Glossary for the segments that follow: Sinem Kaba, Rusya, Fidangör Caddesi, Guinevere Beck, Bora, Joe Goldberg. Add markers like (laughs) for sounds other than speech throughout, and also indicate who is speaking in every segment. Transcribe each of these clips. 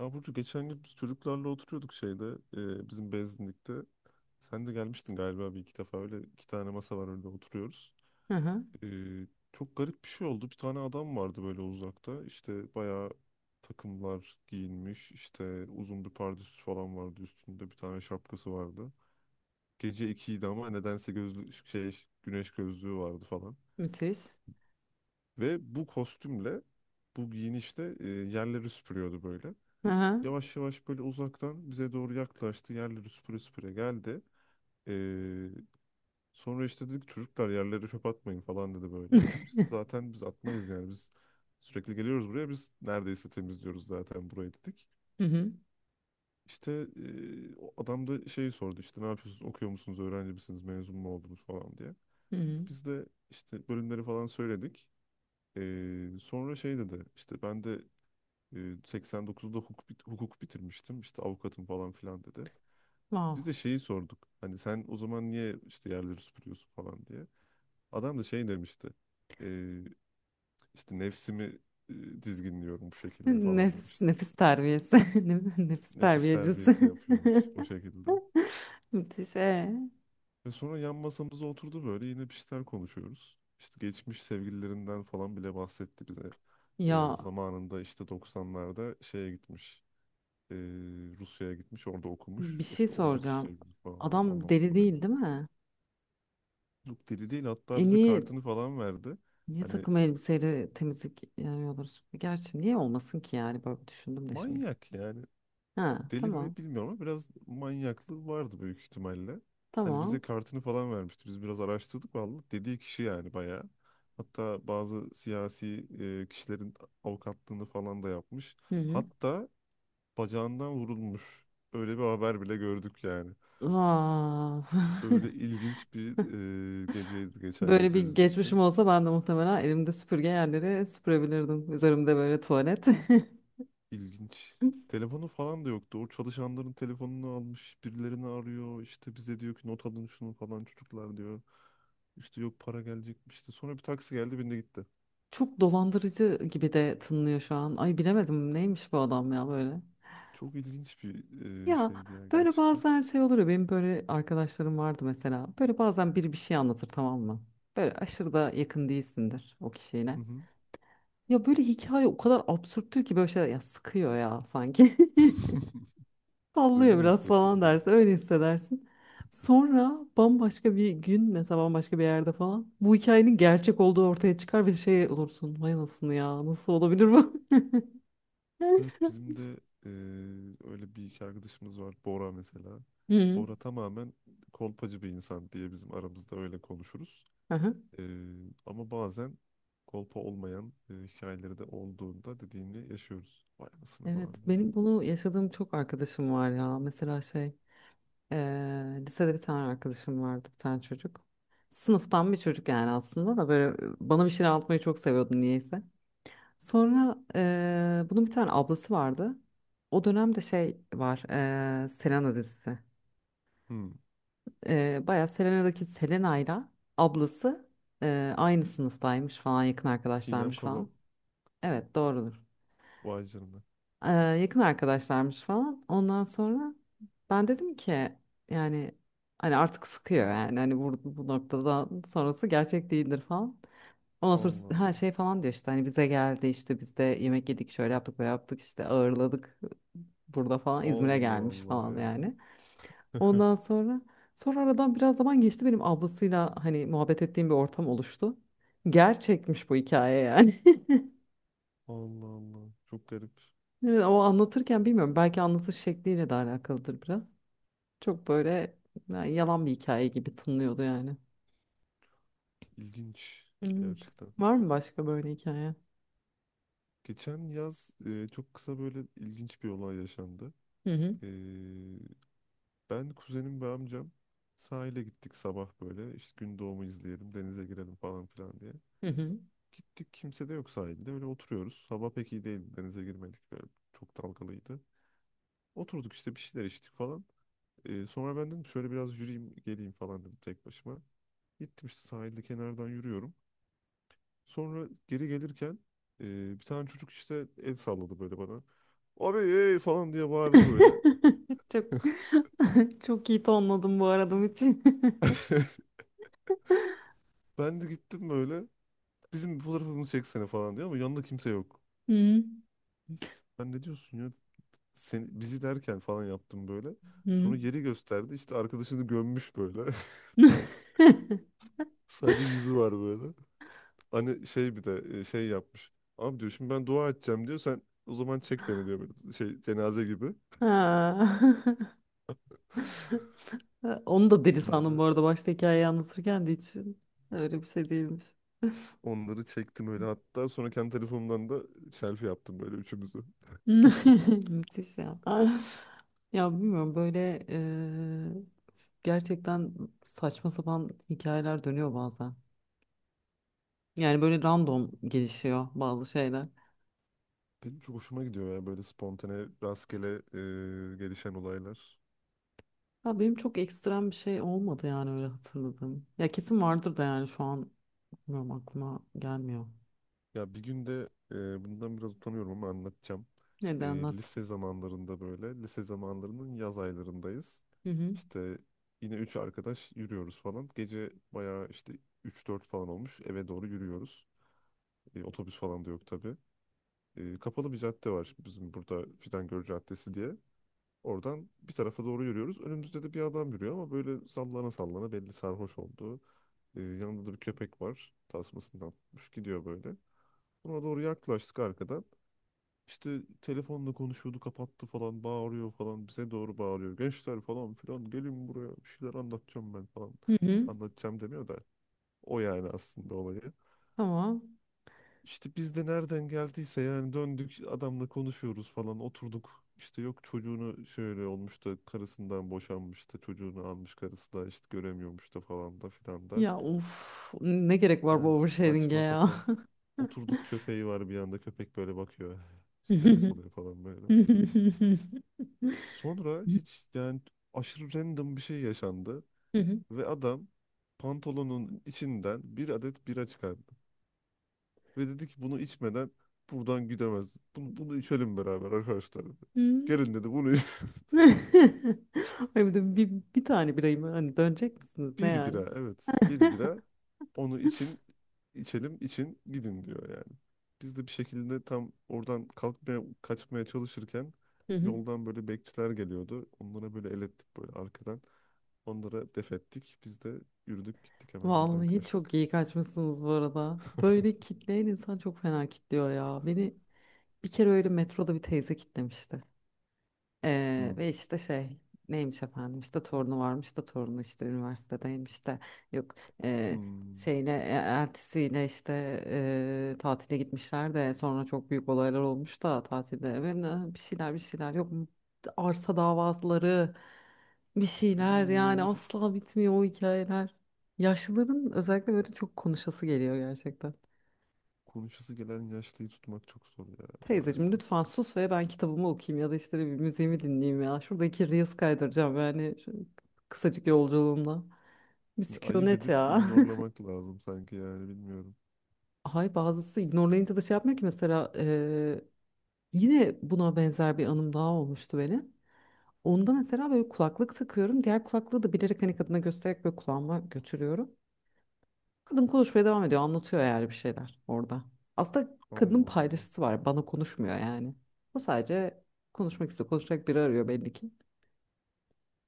Speaker 1: Ya Burcu geçen gün biz çocuklarla oturuyorduk bizim benzinlikte. Sen de gelmiştin galiba bir iki defa, öyle iki tane masa var önünde oturuyoruz.
Speaker 2: Hı hı.
Speaker 1: E, Çok garip bir şey oldu. Bir tane adam vardı böyle uzakta. İşte bayağı takımlar giyinmiş, işte uzun bir pardösü falan vardı üstünde. Bir tane şapkası vardı. Gece ikiydi ama nedense gözlü şey, güneş gözlüğü vardı falan.
Speaker 2: Müthiş.
Speaker 1: Ve bu kostümle bu giyinişle yerleri süpürüyordu böyle.
Speaker 2: Hı hı.
Speaker 1: Yavaş yavaş böyle uzaktan bize doğru yaklaştı. Yerleri süpüre süpüre geldi. Ee, Sonra işte dedik, çocuklar yerlere çöp atmayın falan dedi böyle. İşte
Speaker 2: (laughs)
Speaker 1: zaten biz atmayız, yani biz sürekli geliyoruz buraya, biz neredeyse temizliyoruz zaten burayı dedik.
Speaker 2: Hı hı.
Speaker 1: İşte o adam da şeyi sordu, işte ne yapıyorsunuz, okuyor musunuz, öğrenci misiniz, mezun mu oldunuz falan diye.
Speaker 2: Hı hı.
Speaker 1: Biz de işte bölümleri falan söyledik. Sonra şey dedi, işte ben de ee, 89'da hukuk, hukuk bitirmiştim, işte avukatım falan filan dedi.
Speaker 2: Wow.
Speaker 1: Biz de şeyi sorduk. Hani sen o zaman niye işte yerleri süpürüyorsun falan diye. Adam da şey demişti. Ee, işte nefsimi dizginliyorum bu şekilde falan
Speaker 2: Nefis,
Speaker 1: demişti.
Speaker 2: nefis terbiyesi. (laughs) Nefis
Speaker 1: Nefis
Speaker 2: terbiyecisi.
Speaker 1: terbiyesi yapıyormuş o şekilde.
Speaker 2: (laughs) Müthiş. Ee?
Speaker 1: Ve sonra yan masamıza oturdu, böyle yine bir şeyler konuşuyoruz. İşte geçmiş sevgililerinden falan bile bahsetti bize.
Speaker 2: Ya
Speaker 1: Zamanında işte 90'larda şeye gitmiş. ee, Rusya'ya gitmiş, orada okumuş.
Speaker 2: bir şey
Speaker 1: İşte oradaki
Speaker 2: soracağım.
Speaker 1: sevgili falan
Speaker 2: Adam
Speaker 1: anlattı
Speaker 2: deli
Speaker 1: böyle.
Speaker 2: değil, değil mi?
Speaker 1: Yok, deli değil,
Speaker 2: E
Speaker 1: hatta bize
Speaker 2: niye,
Speaker 1: kartını falan verdi.
Speaker 2: niye
Speaker 1: Hani
Speaker 2: takım elbiseyle temizlik, yani olur? Gerçi niye olmasın ki, yani böyle düşündüm de şimdi.
Speaker 1: manyak yani.
Speaker 2: Ha,
Speaker 1: Deli
Speaker 2: tamam.
Speaker 1: mi bilmiyorum ama biraz manyaklığı vardı büyük ihtimalle. Hani bize
Speaker 2: Tamam.
Speaker 1: kartını falan vermişti. Biz biraz araştırdık, vallahi dediği kişi yani bayağı. Hatta bazı siyasi kişilerin avukatlığını falan da yapmış.
Speaker 2: Hı hı.
Speaker 1: Hatta bacağından vurulmuş. Öyle bir haber bile gördük yani.
Speaker 2: Aa. (laughs)
Speaker 1: Öyle ilginç bir geceydi geçen
Speaker 2: Böyle
Speaker 1: gece
Speaker 2: bir
Speaker 1: bizim
Speaker 2: geçmişim
Speaker 1: için.
Speaker 2: olsa ben de muhtemelen elimde süpürge yerleri süpürebilirdim. Üzerimde böyle tuvalet. (laughs)
Speaker 1: İlginç. Telefonu falan da yoktu. O çalışanların telefonunu almış, birilerini arıyor. İşte bize diyor ki, not alın şunu falan çocuklar diyor. İşte yok, para gelecekmiş işte. Sonra bir taksi geldi, bindi gitti.
Speaker 2: Çok dolandırıcı gibi de tınlıyor şu an. Ay, bilemedim neymiş bu adam ya böyle.
Speaker 1: Çok ilginç bir
Speaker 2: Ya
Speaker 1: şeydi ya
Speaker 2: böyle
Speaker 1: gerçekten.
Speaker 2: bazen şey olur ya, benim böyle arkadaşlarım vardı mesela. Böyle bazen biri bir şey anlatır, tamam mı? Böyle aşırı da yakın değilsindir o kişiyle.
Speaker 1: Hı hı.
Speaker 2: Ya böyle hikaye o kadar absürttür ki böyle, şeyler ya sıkıyor ya sanki. (laughs)
Speaker 1: (laughs) Öyle
Speaker 2: Sallıyor
Speaker 1: mi
Speaker 2: biraz falan
Speaker 1: hissettirdi?
Speaker 2: dersin. Öyle hissedersin. Sonra bambaşka bir gün mesela, bambaşka bir yerde falan bu hikayenin gerçek olduğu ortaya çıkar ve şey olursun. Vay anasını ya, nasıl olabilir bu?
Speaker 1: Evet, bizim
Speaker 2: (laughs)
Speaker 1: de e, öyle bir iki arkadaşımız var. Bora mesela.
Speaker 2: Hı.
Speaker 1: Bora tamamen kolpacı bir insan diye bizim aramızda öyle konuşuruz.
Speaker 2: Aha.
Speaker 1: Ee, Ama bazen kolpa olmayan hikayeleri de olduğunda dediğini yaşıyoruz. Vay anasını
Speaker 2: Evet,
Speaker 1: falan diyorum.
Speaker 2: benim bunu yaşadığım çok arkadaşım var ya. Mesela şey, lisede bir tane arkadaşım vardı, bir tane çocuk. Sınıftan bir çocuk yani, aslında da böyle bana bir şeyler anlatmayı çok seviyordu niyeyse. Sonra bunun bir tane ablası vardı. O dönemde şey var, Selena dizisi.
Speaker 1: Ben. Hmm.
Speaker 2: Bayağı Selena'daki Selena'yla ablası aynı sınıftaymış falan, yakın
Speaker 1: Sinem
Speaker 2: arkadaşlarmış
Speaker 1: Kaba,
Speaker 2: falan. Evet, doğrudur.
Speaker 1: vay canına.
Speaker 2: Yakın arkadaşlarmış falan. Ondan sonra ben dedim ki, yani hani artık sıkıyor yani, hani bu noktada sonrası gerçek değildir falan. Ondan sonra
Speaker 1: Allah
Speaker 2: ha
Speaker 1: Allah.
Speaker 2: şey falan diyor, işte hani bize geldi, işte biz de yemek yedik, şöyle yaptık, böyle yaptık, işte ağırladık burada falan, İzmir'e
Speaker 1: Allah
Speaker 2: gelmiş
Speaker 1: Allah
Speaker 2: falan yani.
Speaker 1: ya. (laughs)
Speaker 2: Ondan sonra aradan biraz zaman geçti, benim ablasıyla hani muhabbet ettiğim bir ortam oluştu. Gerçekmiş bu hikaye yani. (laughs)
Speaker 1: Allah Allah. Çok garip.
Speaker 2: Evet, o anlatırken bilmiyorum, belki anlatış şekliyle de alakalıdır biraz. Çok böyle, yani yalan bir hikaye gibi tınlıyordu yani.
Speaker 1: İlginç.
Speaker 2: Evet.
Speaker 1: Gerçekten.
Speaker 2: Var mı başka böyle hikaye?
Speaker 1: Geçen yaz çok kısa böyle ilginç bir olay yaşandı.
Speaker 2: Hı hı.
Speaker 1: E, Ben, kuzenim ve amcam sahile gittik sabah böyle. İşte gün doğumu izleyelim, denize girelim falan filan diye.
Speaker 2: Hı hı.
Speaker 1: Gittik, kimse de yok sahilde. Öyle oturuyoruz. Hava pek iyi değildi. Denize girmedik. Böyle çok dalgalıydı. Oturduk işte bir şeyler içtik falan. Sonra ben dedim, şöyle biraz yürüyeyim geleyim falan dedim, tek başıma. Gittim işte sahilde kenardan yürüyorum. Sonra geri gelirken bir tane çocuk işte el salladı böyle bana. "Abi ey!" falan diye bağırdı böyle.
Speaker 2: (laughs) Çok (laughs) çok iyi tonladım bu arada Metin.
Speaker 1: (laughs) Ben de gittim böyle. Bizim bir fotoğrafımızı çeksene falan diyor ama yanında kimse yok.
Speaker 2: (laughs) Hı
Speaker 1: Ben, ne diyorsun ya? Seni, bizi derken falan yaptım böyle.
Speaker 2: hı.
Speaker 1: Sonra yeri gösterdi. İşte arkadaşını gömmüş böyle. (laughs)
Speaker 2: (laughs)
Speaker 1: Sadece yüzü var böyle. Hani şey, bir de şey yapmış. Abi diyor, şimdi ben dua edeceğim diyor. Sen o zaman çek beni diyor böyle, şey cenaze gibi.
Speaker 2: Ha. (laughs) Onu da deli sandım
Speaker 1: Onları
Speaker 2: bu arada, başta hikayeyi anlatırken de hiç öyle bir şey değilmiş.
Speaker 1: Onları çektim öyle, hatta sonra kendi telefonumdan da selfie yaptım böyle üçümüzü.
Speaker 2: (laughs) Müthiş ya. Ya bilmiyorum böyle, gerçekten saçma sapan hikayeler dönüyor bazen. Yani böyle random gelişiyor bazı şeyler.
Speaker 1: Benim çok hoşuma gidiyor ya böyle spontane rastgele gelişen olaylar.
Speaker 2: Ya benim çok ekstrem bir şey olmadı yani, öyle hatırladım. Ya kesin vardır da, yani şu an bilmiyorum, aklıma gelmiyor.
Speaker 1: Ya bir gün de bundan biraz utanıyorum ama anlatacağım.
Speaker 2: Neden, anlat.
Speaker 1: Lise zamanlarında böyle, lise zamanlarının yaz aylarındayız.
Speaker 2: Hı hı.
Speaker 1: İşte yine üç arkadaş yürüyoruz falan. Gece bayağı işte üç dört falan olmuş. Eve doğru yürüyoruz. Otobüs falan da yok tabii. Kapalı bir cadde var şimdi bizim burada, Fidangör Caddesi diye. Oradan bir tarafa doğru yürüyoruz. Önümüzde de bir adam yürüyor ama böyle sallana sallana, belli sarhoş oldu. Yanında da bir köpek var. Tasmasından tutmuş gidiyor böyle. Buna doğru yaklaştık arkadan. İşte telefonla konuşuyordu, kapattı falan, bağırıyor falan, bize doğru bağırıyor. Gençler falan filan gelin buraya, bir şeyler anlatacağım ben falan.
Speaker 2: Hı hı.
Speaker 1: Anlatacağım demiyor da o, yani aslında olayı.
Speaker 2: Tamam.
Speaker 1: İşte biz de nereden geldiyse yani, döndük adamla konuşuyoruz falan, oturduk. İşte yok, çocuğunu şöyle olmuş da, karısından boşanmış da, çocuğunu almış karısı da işte göremiyormuş da falan da filan da.
Speaker 2: Ya of, ne gerek var bu
Speaker 1: Yani
Speaker 2: oversharing'e
Speaker 1: saçma
Speaker 2: ya.
Speaker 1: sapan
Speaker 2: (laughs)
Speaker 1: oturduk, köpeği var, bir anda köpek böyle bakıyor.
Speaker 2: Hı
Speaker 1: (laughs) Nefes
Speaker 2: hı.
Speaker 1: alıyor falan böyle. Sonra hiç yani aşırı random bir şey yaşandı
Speaker 2: Hı hı.
Speaker 1: ve adam pantolonun içinden bir adet bira çıkardı. Ve dedi ki bunu içmeden buradan gidemez. Bunu içelim beraber arkadaşlar dedi. Gelin dedi,
Speaker 2: (laughs) Ay bir de bir tane birayım, hani dönecek misiniz
Speaker 1: (laughs)
Speaker 2: ne
Speaker 1: bir
Speaker 2: yani?
Speaker 1: bira, evet, bir
Speaker 2: (laughs)
Speaker 1: bira, onu için içelim için gidin diyor yani. Biz de bir şekilde tam oradan kalkmaya kaçmaya çalışırken
Speaker 2: Hı hı.
Speaker 1: yoldan böyle bekçiler geliyordu. Onlara böyle el ettik böyle arkadan. Onlara def ettik. Biz de yürüdük gittik, hemen oradan
Speaker 2: Vallahi
Speaker 1: kaçtık.
Speaker 2: çok iyi kaçmışsınız bu arada. Böyle
Speaker 1: (laughs)
Speaker 2: kitleyen insan çok fena kitliyor ya. Beni, bir kere öyle metroda bir teyze kitlemişti.
Speaker 1: Hmm.
Speaker 2: Ve işte şey, neymiş efendim, işte torunu varmış da, torunu işte üniversitedeymiş de, yok e,
Speaker 1: Hmm.
Speaker 2: şeyine eltisiyle işte tatile gitmişler de, sonra çok büyük olaylar olmuş da tatilde, ve bir şeyler bir şeyler, yok arsa davaları bir şeyler, yani
Speaker 1: Uf,
Speaker 2: asla bitmiyor o hikayeler. Yaşlıların özellikle böyle çok konuşası geliyor gerçekten.
Speaker 1: konuşası gelen yaşlıyı tutmak çok zor ya
Speaker 2: Teyzeciğim
Speaker 1: maalesef.
Speaker 2: lütfen sus ve ben kitabımı okuyayım, ya da işte bir, bileyim müziğimi dinleyeyim ya. Şuradaki Reels kaydıracağım yani, şu kısacık yolculuğumda.
Speaker 1: Yani ayıp
Speaker 2: Misyonet
Speaker 1: edip
Speaker 2: ya.
Speaker 1: ignorlamak lazım sanki yani, bilmiyorum.
Speaker 2: (laughs) Ay bazısı ignorlayınca da şey yapmıyor ki, mesela yine buna benzer bir anım daha olmuştu benim. Onda mesela böyle kulaklık takıyorum. Diğer kulaklığı da bilerek hani kadına göstererek böyle kulağıma götürüyorum. Kadın konuşmaya devam ediyor. Anlatıyor yani bir şeyler orada. Aslında kadının
Speaker 1: Allah Allah.
Speaker 2: paylaşısı var, bana konuşmuyor yani. O sadece konuşmak istiyor. Konuşacak biri arıyor, belli ki.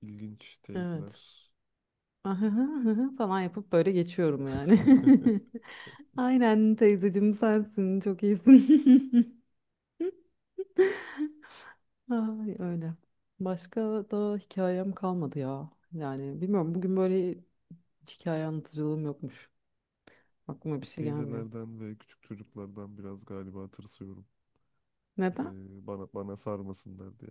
Speaker 1: İlginç
Speaker 2: Evet.
Speaker 1: teyzeler.
Speaker 2: (laughs) Ahıhı, ahıhı falan yapıp böyle geçiyorum yani. (laughs)
Speaker 1: (laughs)
Speaker 2: Aynen teyzeciğim sensin. Çok iyisin. (laughs) Ay, öyle. Başka da hikayem kalmadı ya. Yani bilmiyorum, bugün böyle hiç hikaye anlatıcılığım yokmuş. Aklıma bir şey gelmiyor.
Speaker 1: Teyzelerden ve küçük çocuklardan biraz galiba tırsıyorum. Ee,
Speaker 2: Neden?
Speaker 1: bana sarmasınlar diye.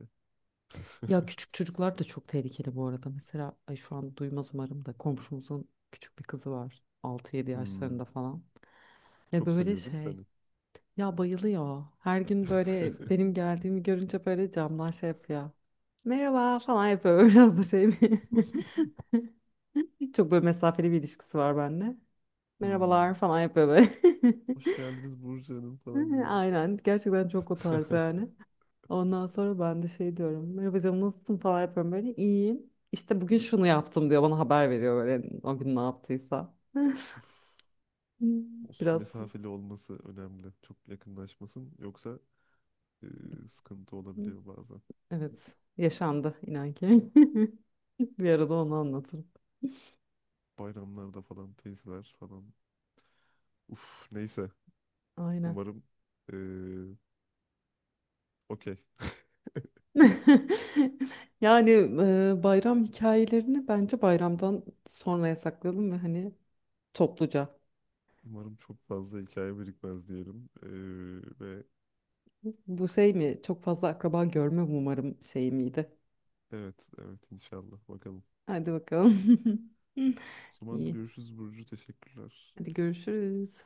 Speaker 2: Ya
Speaker 1: (laughs)
Speaker 2: küçük çocuklar da çok tehlikeli bu arada. Mesela ay, şu an duymaz umarım da, komşumuzun küçük bir kızı var. 6-7 yaşlarında
Speaker 1: Hmm.
Speaker 2: falan. Ve
Speaker 1: Çok
Speaker 2: böyle
Speaker 1: seviyor değil mi
Speaker 2: şey,
Speaker 1: seni?
Speaker 2: ya bayılıyor. Her gün böyle benim geldiğimi görünce böyle camdan şey yapıyor. Merhaba falan yapıyor. (laughs) Biraz da şey mi? (laughs) Çok böyle mesafeli bir ilişkisi var bende.
Speaker 1: (laughs) Hmm.
Speaker 2: Merhabalar falan yapıyor böyle.
Speaker 1: Hoş geldiniz Burcu Hanım falan
Speaker 2: (laughs)
Speaker 1: diyor.
Speaker 2: Aynen. Gerçekten çok o tarz
Speaker 1: (laughs)
Speaker 2: yani. Ondan sonra ben de şey diyorum. Merhaba canım, nasılsın falan yapıyorum böyle. İyiyim. İşte bugün şunu yaptım diyor. Bana haber veriyor böyle, o gün ne yaptıysa. (laughs)
Speaker 1: Olsun,
Speaker 2: Biraz
Speaker 1: mesafeli olması önemli. Çok yakınlaşmasın. Yoksa e, sıkıntı olabiliyor bazen.
Speaker 2: evet, yaşandı inan ki. (laughs) Bir arada onu anlatırım.
Speaker 1: Bayramlarda falan teyzeler falan. Uf neyse.
Speaker 2: Aynen.
Speaker 1: Umarım e, okey.
Speaker 2: (laughs) Yani bayram hikayelerini bence bayramdan sonraya saklayalım, ve hani topluca.
Speaker 1: Umarım çok fazla hikaye birikmez diyelim. Ve
Speaker 2: Bu şey mi? Çok fazla akraba görme umarım, şey miydi?
Speaker 1: evet, inşallah bakalım.
Speaker 2: Hadi bakalım. (laughs)
Speaker 1: O zaman
Speaker 2: İyi.
Speaker 1: görüşürüz Burcu. Teşekkürler.
Speaker 2: Hadi görüşürüz.